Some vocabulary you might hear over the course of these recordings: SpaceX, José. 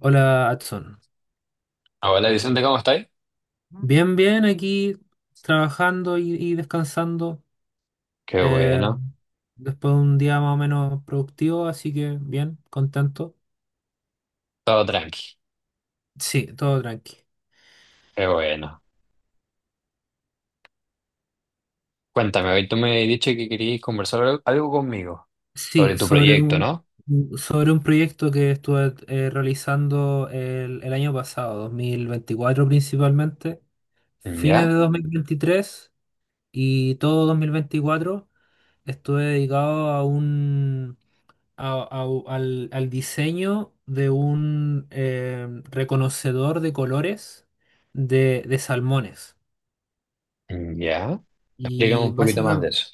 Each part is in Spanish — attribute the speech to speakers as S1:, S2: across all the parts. S1: Hola, Adson.
S2: Hola Vicente, ¿cómo estáis?
S1: Bien, bien, aquí trabajando y descansando.
S2: Qué
S1: eh,
S2: bueno,
S1: Después de un día más o menos productivo, así que bien, contento.
S2: todo tranqui,
S1: Sí, todo tranqui.
S2: qué bueno. Cuéntame, hoy tú me has dicho que querías conversar algo conmigo sobre
S1: Sí,
S2: tu proyecto, ¿no?
S1: sobre un proyecto que estuve realizando el año pasado, 2024 principalmente, fines
S2: Ya,
S1: de 2023 y todo 2024 estuve dedicado a un, a- al, al diseño de un reconocedor de colores de salmones.
S2: ya. Explícame
S1: Y
S2: un poquito más de eso.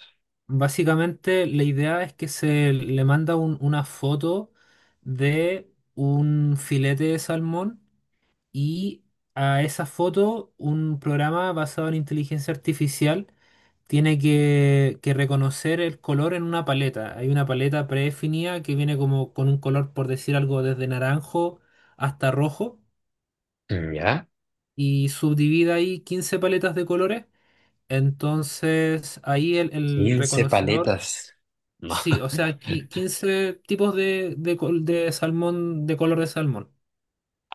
S1: básicamente la idea es que se le manda una foto de un filete de salmón y a esa foto un programa basado en inteligencia artificial tiene que reconocer el color en una paleta. Hay una paleta predefinida que viene como con un color, por decir algo, desde naranjo hasta rojo
S2: Ya,
S1: y subdivide ahí 15 paletas de colores. Entonces ahí el
S2: 15
S1: reconocedor,
S2: paletas. No.
S1: sí, o sea, 15 tipos de salmón, de color de salmón.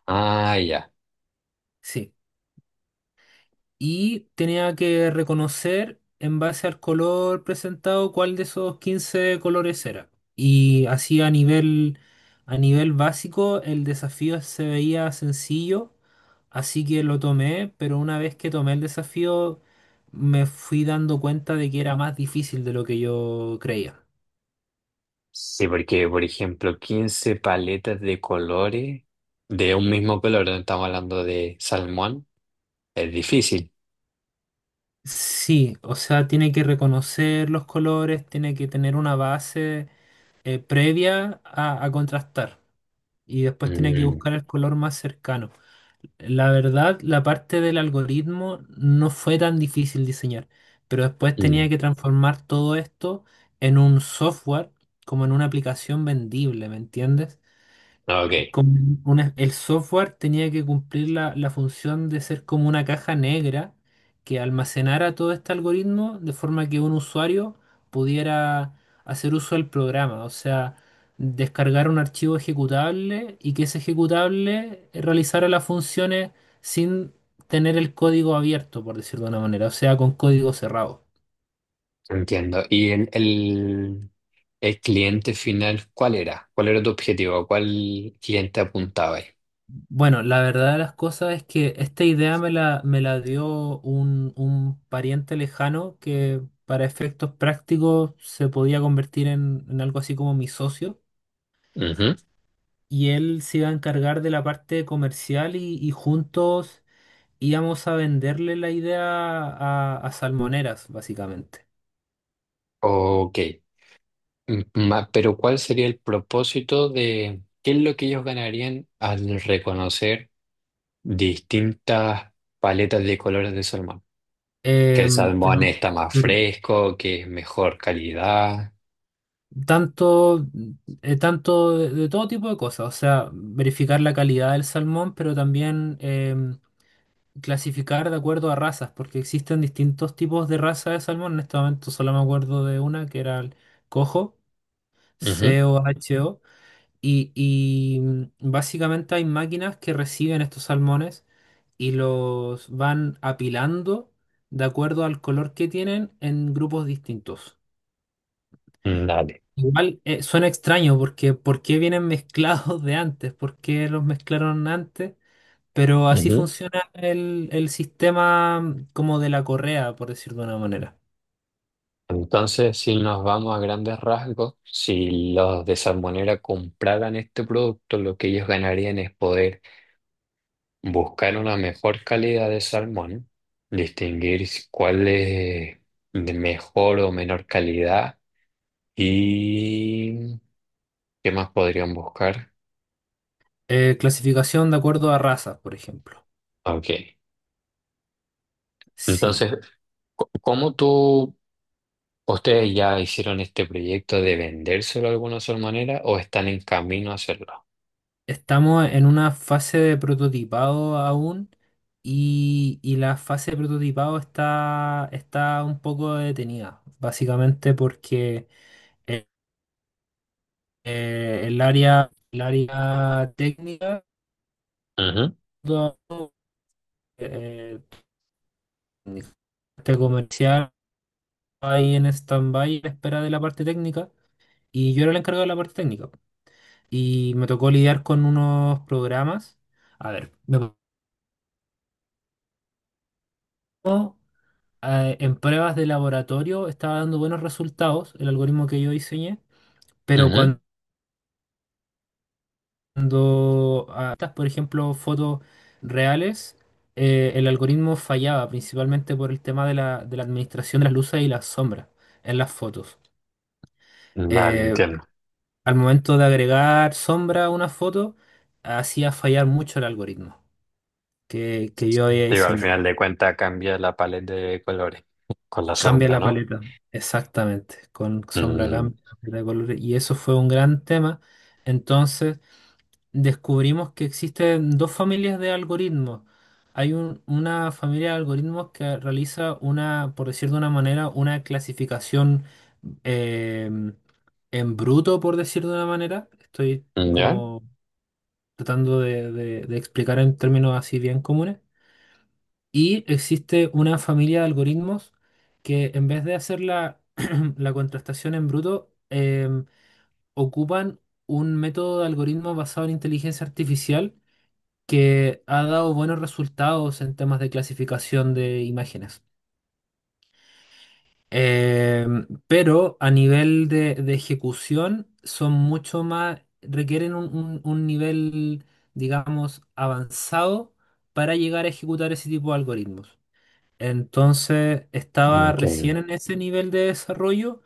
S2: Ah, ya.
S1: Sí, y tenía que reconocer en base al color presentado cuál de esos 15 colores era. Y así a nivel básico el desafío se veía sencillo, así que lo tomé, pero una vez que tomé el desafío me fui dando cuenta de que era más difícil de lo que yo creía.
S2: Sí, porque, por ejemplo, 15 paletas de colores de un mismo color, no estamos hablando de salmón, es difícil.
S1: Sí, o sea, tiene que reconocer los colores, tiene que tener una base previa a contrastar. Y después tenía que
S2: Mm,
S1: buscar el color más cercano. La verdad, la parte del algoritmo no fue tan difícil diseñar, pero después tenía
S2: mm.
S1: que transformar todo esto en un software, como en una aplicación vendible, ¿me entiendes?
S2: Ok,
S1: Como el software tenía que cumplir la función de ser como una caja negra que almacenara todo este algoritmo de forma que un usuario pudiera hacer uso del programa, o sea, descargar un archivo ejecutable y que ese ejecutable realizara las funciones sin tener el código abierto, por decirlo de una manera, o sea, con código cerrado.
S2: entiendo. ¿Y el cliente final, cuál era? ¿Cuál era tu objetivo? ¿A ¿Cuál cliente apuntabas ahí?
S1: Bueno, la verdad de las cosas es que esta idea me la dio un pariente lejano que para efectos prácticos se podía convertir en algo así como mi socio
S2: Ujú.
S1: y él se iba a encargar de la parte comercial y juntos íbamos a venderle la idea a salmoneras, básicamente.
S2: Ok. Mm, ma- pero ¿cuál sería el propósito? De ¿qué es lo que ellos ganarían al reconocer distintas paletas de colores de salmón? Que el
S1: Em,
S2: salmón
S1: pero-
S2: está más
S1: pero
S2: fresco, que es mejor calidad.
S1: tanto, tanto de todo tipo de cosas, o sea, verificar la calidad del salmón, pero también... clasificar de acuerdo a razas, porque existen distintos tipos de raza de salmón. En este momento solo me acuerdo de una que era el cojo, C o H O y básicamente hay máquinas que reciben estos salmones y los van apilando de acuerdo al color que tienen en grupos distintos.
S2: Ujú. Dale.
S1: Igual suena extraño porque ¿por qué vienen mezclados de antes? ¿Por qué los mezclaron antes? Pero así funciona el sistema como de la correa, por decir de una manera.
S2: Entonces, si nos vamos a grandes rasgos, si los de salmonera compraran este producto, lo que ellos ganarían es poder buscar una mejor calidad de salmón, distinguir si- cuál es de mejor o menor calidad y qué más podrían buscar.
S1: Clasificación de acuerdo a razas, por ejemplo.
S2: Ok.
S1: Sí,
S2: Entonces, co- ¿cómo tú, ustedes ya hicieron este proyecto de vendérselo a alguna salmonera o están en camino a hacerlo?
S1: estamos en una fase de prototipado aún y la fase de prototipado está un poco detenida, básicamente porque eh, el área técnica,
S2: Ujú,
S1: todo, eh, técnica, este comercial ahí en stand-by a la espera de la parte técnica. Y yo era el encargado de la parte técnica. Y me tocó lidiar con unos programas. A ver, me tocó, en pruebas de laboratorio estaba dando buenos resultados el algoritmo que yo diseñé, pero
S2: ujú.
S1: cuando estas, por ejemplo, fotos reales, el algoritmo fallaba principalmente por el tema de de la administración de las luces y las sombras en las fotos.
S2: Vale,
S1: Eh,
S2: entiendo.
S1: Al momento de agregar sombra a una foto, hacía fallar mucho el algoritmo que yo había
S2: Digo, al final
S1: diseñado.
S2: de cuentas cambia la paleta de colores con la
S1: Cambia
S2: sombra,
S1: la
S2: ¿no?
S1: paleta, exactamente. Con sombra
S2: Mm,
S1: cambia la paleta de colores. Y eso fue un gran tema. Entonces descubrimos que existen dos familias de algoritmos. Hay una familia de algoritmos que realiza una, por decir de una manera, una clasificación eh, en bruto, por decir de una manera. Estoy
S2: ya,
S1: como tratando de de explicar en términos así bien comunes y existe una familia de algoritmos que en vez de hacer la, la contrastación en bruto, ocupan un método de algoritmo basado en inteligencia artificial que ha dado buenos resultados en temas de clasificación de imágenes. Pero a nivel de ejecución son mucho más, requieren un nivel, digamos, avanzado para llegar a ejecutar ese tipo de algoritmos. Entonces estaba recién
S2: entiendo.
S1: en ese nivel de desarrollo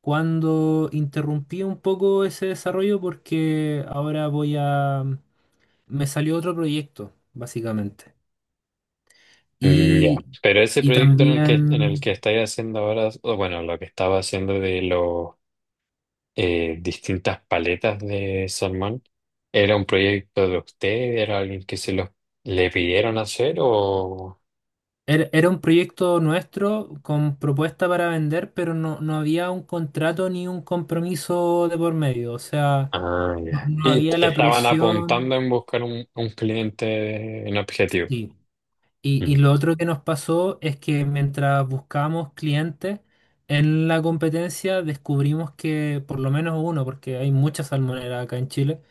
S1: cuando interrumpí un poco ese desarrollo porque ahora voy a... me salió otro proyecto, básicamente.
S2: Mm, ya.
S1: Y,
S2: Pero ese
S1: y
S2: proyecto en el
S1: también
S2: que estáis haciendo ahora, o bueno, lo que estaba haciendo de los distintas paletas de salmón, ¿era un proyecto de usted? ¿Era alguien que se los le pidieron hacer o...?
S1: era, era un proyecto nuestro con propuesta para vender, pero no, no había un contrato ni un compromiso de por medio. O sea,
S2: Ah,
S1: no,
S2: ya.
S1: no
S2: Y
S1: había
S2: t-
S1: la
S2: estaban apuntando
S1: presión.
S2: en buscar un cliente en objetivo.
S1: Sí. Y
S2: Mm,
S1: lo otro que nos pasó es que mientras buscábamos clientes en la competencia, descubrimos que por lo menos uno, porque hay muchas salmoneras acá en Chile,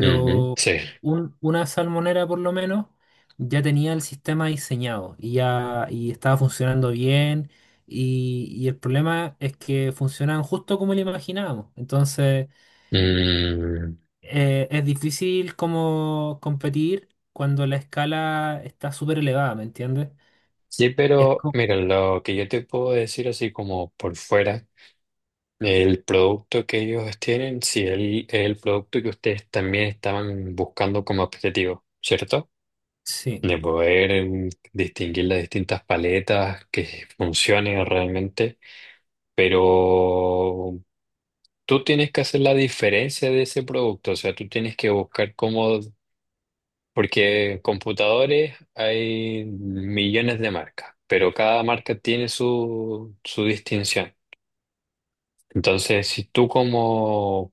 S2: ujú, sí.
S1: una salmonera por lo menos ya tenía el sistema diseñado y ya y estaba funcionando bien. Y el problema es que funcionaban justo como lo imaginábamos. Entonces,
S2: Mm,
S1: es difícil como competir cuando la escala está súper elevada, ¿me entiendes?
S2: sí, pero mira, lo que yo te puedo decir así como por fuera, el producto que ellos tienen, sí, el, es el producto que ustedes también estaban buscando como objetivo, ¿cierto?
S1: Sí,
S2: De poder distinguir las distintas paletas, que funcionen realmente, pero tú tienes que hacer la diferencia de ese producto, o sea, tú tienes que buscar cómo. Porque computadores hay millones de marcas, pero cada marca tiene su, su distinción. Entonces, si tú como,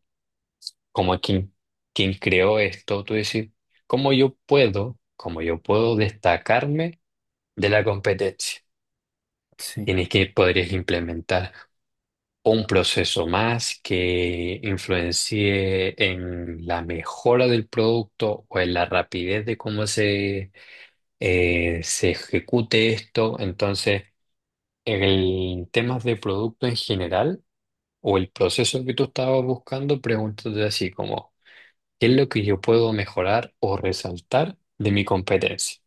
S2: como quien, quien creó esto, tú decís, cómo yo puedo destacarme de la competencia?
S1: sí,
S2: Tienes que... podrías implementar un proceso más que influencie en la mejora del producto o en la rapidez de cómo se se ejecute esto. Entonces, en temas de producto en general o el proceso que tú estabas buscando, pregúntate así como, ¿qué es lo que yo puedo mejorar o resaltar de mi competencia?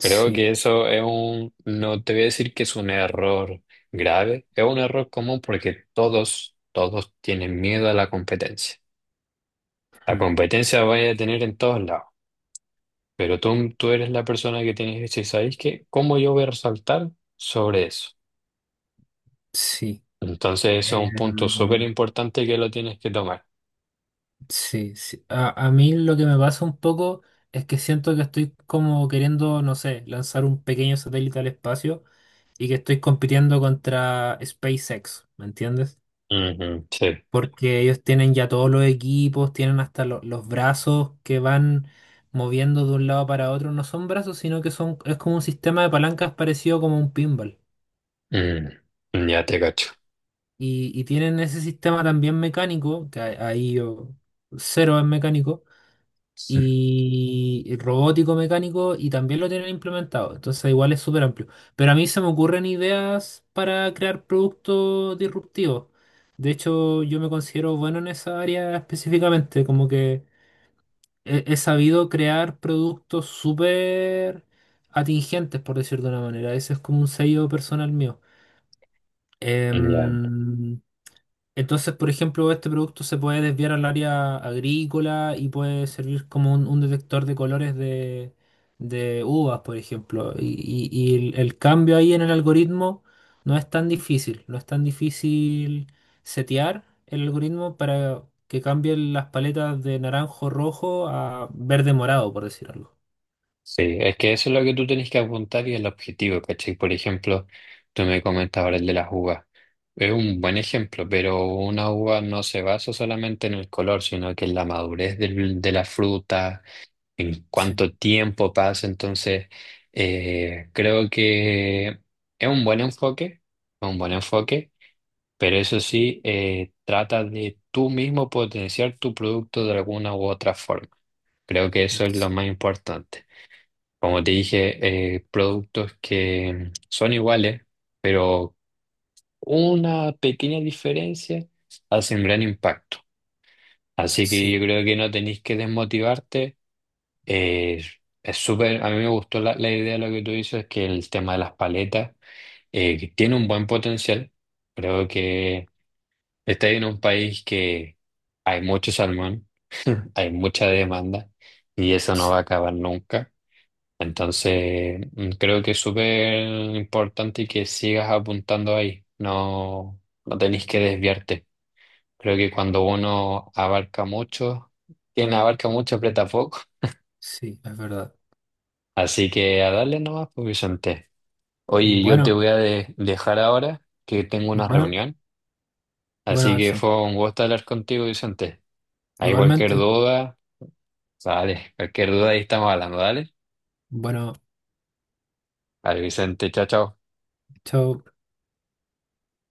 S2: Creo que eso es un... No te voy a decir que es un error grave, es un error común porque todos tienen miedo a la competencia. La
S1: mm,
S2: competencia vaya a tener en todos lados. Pero tú eres la persona que tienes que decir, ¿sabéis qué? ¿Cómo yo voy a resaltar sobre eso?
S1: sí.
S2: Entonces, eso es un punto súper
S1: Em,
S2: importante que lo tienes que tomar.
S1: sí, sí. A mí lo que me pasa un poco es que siento que estoy como queriendo, no sé, lanzar un pequeño satélite al espacio y que estoy compitiendo contra SpaceX, ¿me entiendes?
S2: Ujú, sí.
S1: Porque ellos tienen ya todos los equipos, tienen hasta los brazos que van moviendo de un lado para otro. No son brazos, sino que son, es como un sistema de palancas parecido como un pinball.
S2: Mm, ya te cacho.
S1: Y tienen ese sistema también mecánico, que ahí yo cero es mecánico, y robótico mecánico, y también lo tienen implementado. Entonces igual es súper amplio. Pero a mí se me ocurren ideas para crear productos disruptivos. De hecho, yo me considero bueno en esa área específicamente, como que he sabido crear productos súper atingentes, por decirlo de una manera. Ese es como un sello personal mío.
S2: Ya.
S1: Em, entonces, por ejemplo, este producto se puede desviar al área agrícola y puede servir como un detector de colores de uvas, por ejemplo. El cambio ahí en el algoritmo no es tan difícil, no es tan difícil setear el algoritmo para que cambien las paletas de naranjo rojo a verde morado, por decir algo.
S2: Sí, es que eso es lo que tú tienes que apuntar y el objetivo, ¿cachai? Por ejemplo, tú me comentabas ahora el de las uvas. Es un buen ejemplo, pero una uva no se basa solamente en el color, sino que en la madurez del- de la fruta, en
S1: Sí,
S2: cuánto tiempo pasa. Entonces, creo que es un buen enfoque, es un buen enfoque, pero eso sí, trata de tú mismo potenciar tu producto de alguna u otra forma. Creo que eso es lo más
S1: sí,
S2: importante. Como te dije, productos que son iguales, pero una pequeña diferencia hace un gran impacto. Así que yo creo que no tenéis que desmotivarte. Eh, es súper, a mí me gustó la, la idea de lo que tú dices, que el tema de las paletas que tiene un buen potencial. Creo que está en un país que hay mucho salmón, hay mucha demanda y eso no
S1: sí,
S2: va a acabar nunca. Entonces, mm, creo que es súper importante que sigas apuntando ahí, no, no tenéis que desviarte. Creo que cuando uno abarca mucho, quien abarca mucho aprieta poco.
S1: sí, es verdad.
S2: Así que a darle nomás, pues Vicente. Oye, yo te
S1: Bueno,
S2: voy a de- dejar ahora que tengo una
S1: bueno,
S2: reunión,
S1: bueno,
S2: así que
S1: Edson.
S2: fue un gusto hablar contigo, Vicente. Hay cualquier
S1: Igualmente,
S2: duda, dale. Cualquier duda ahí estamos hablando, dale.
S1: bueno,
S2: Vale, Vicente, chao, chao.
S1: chao.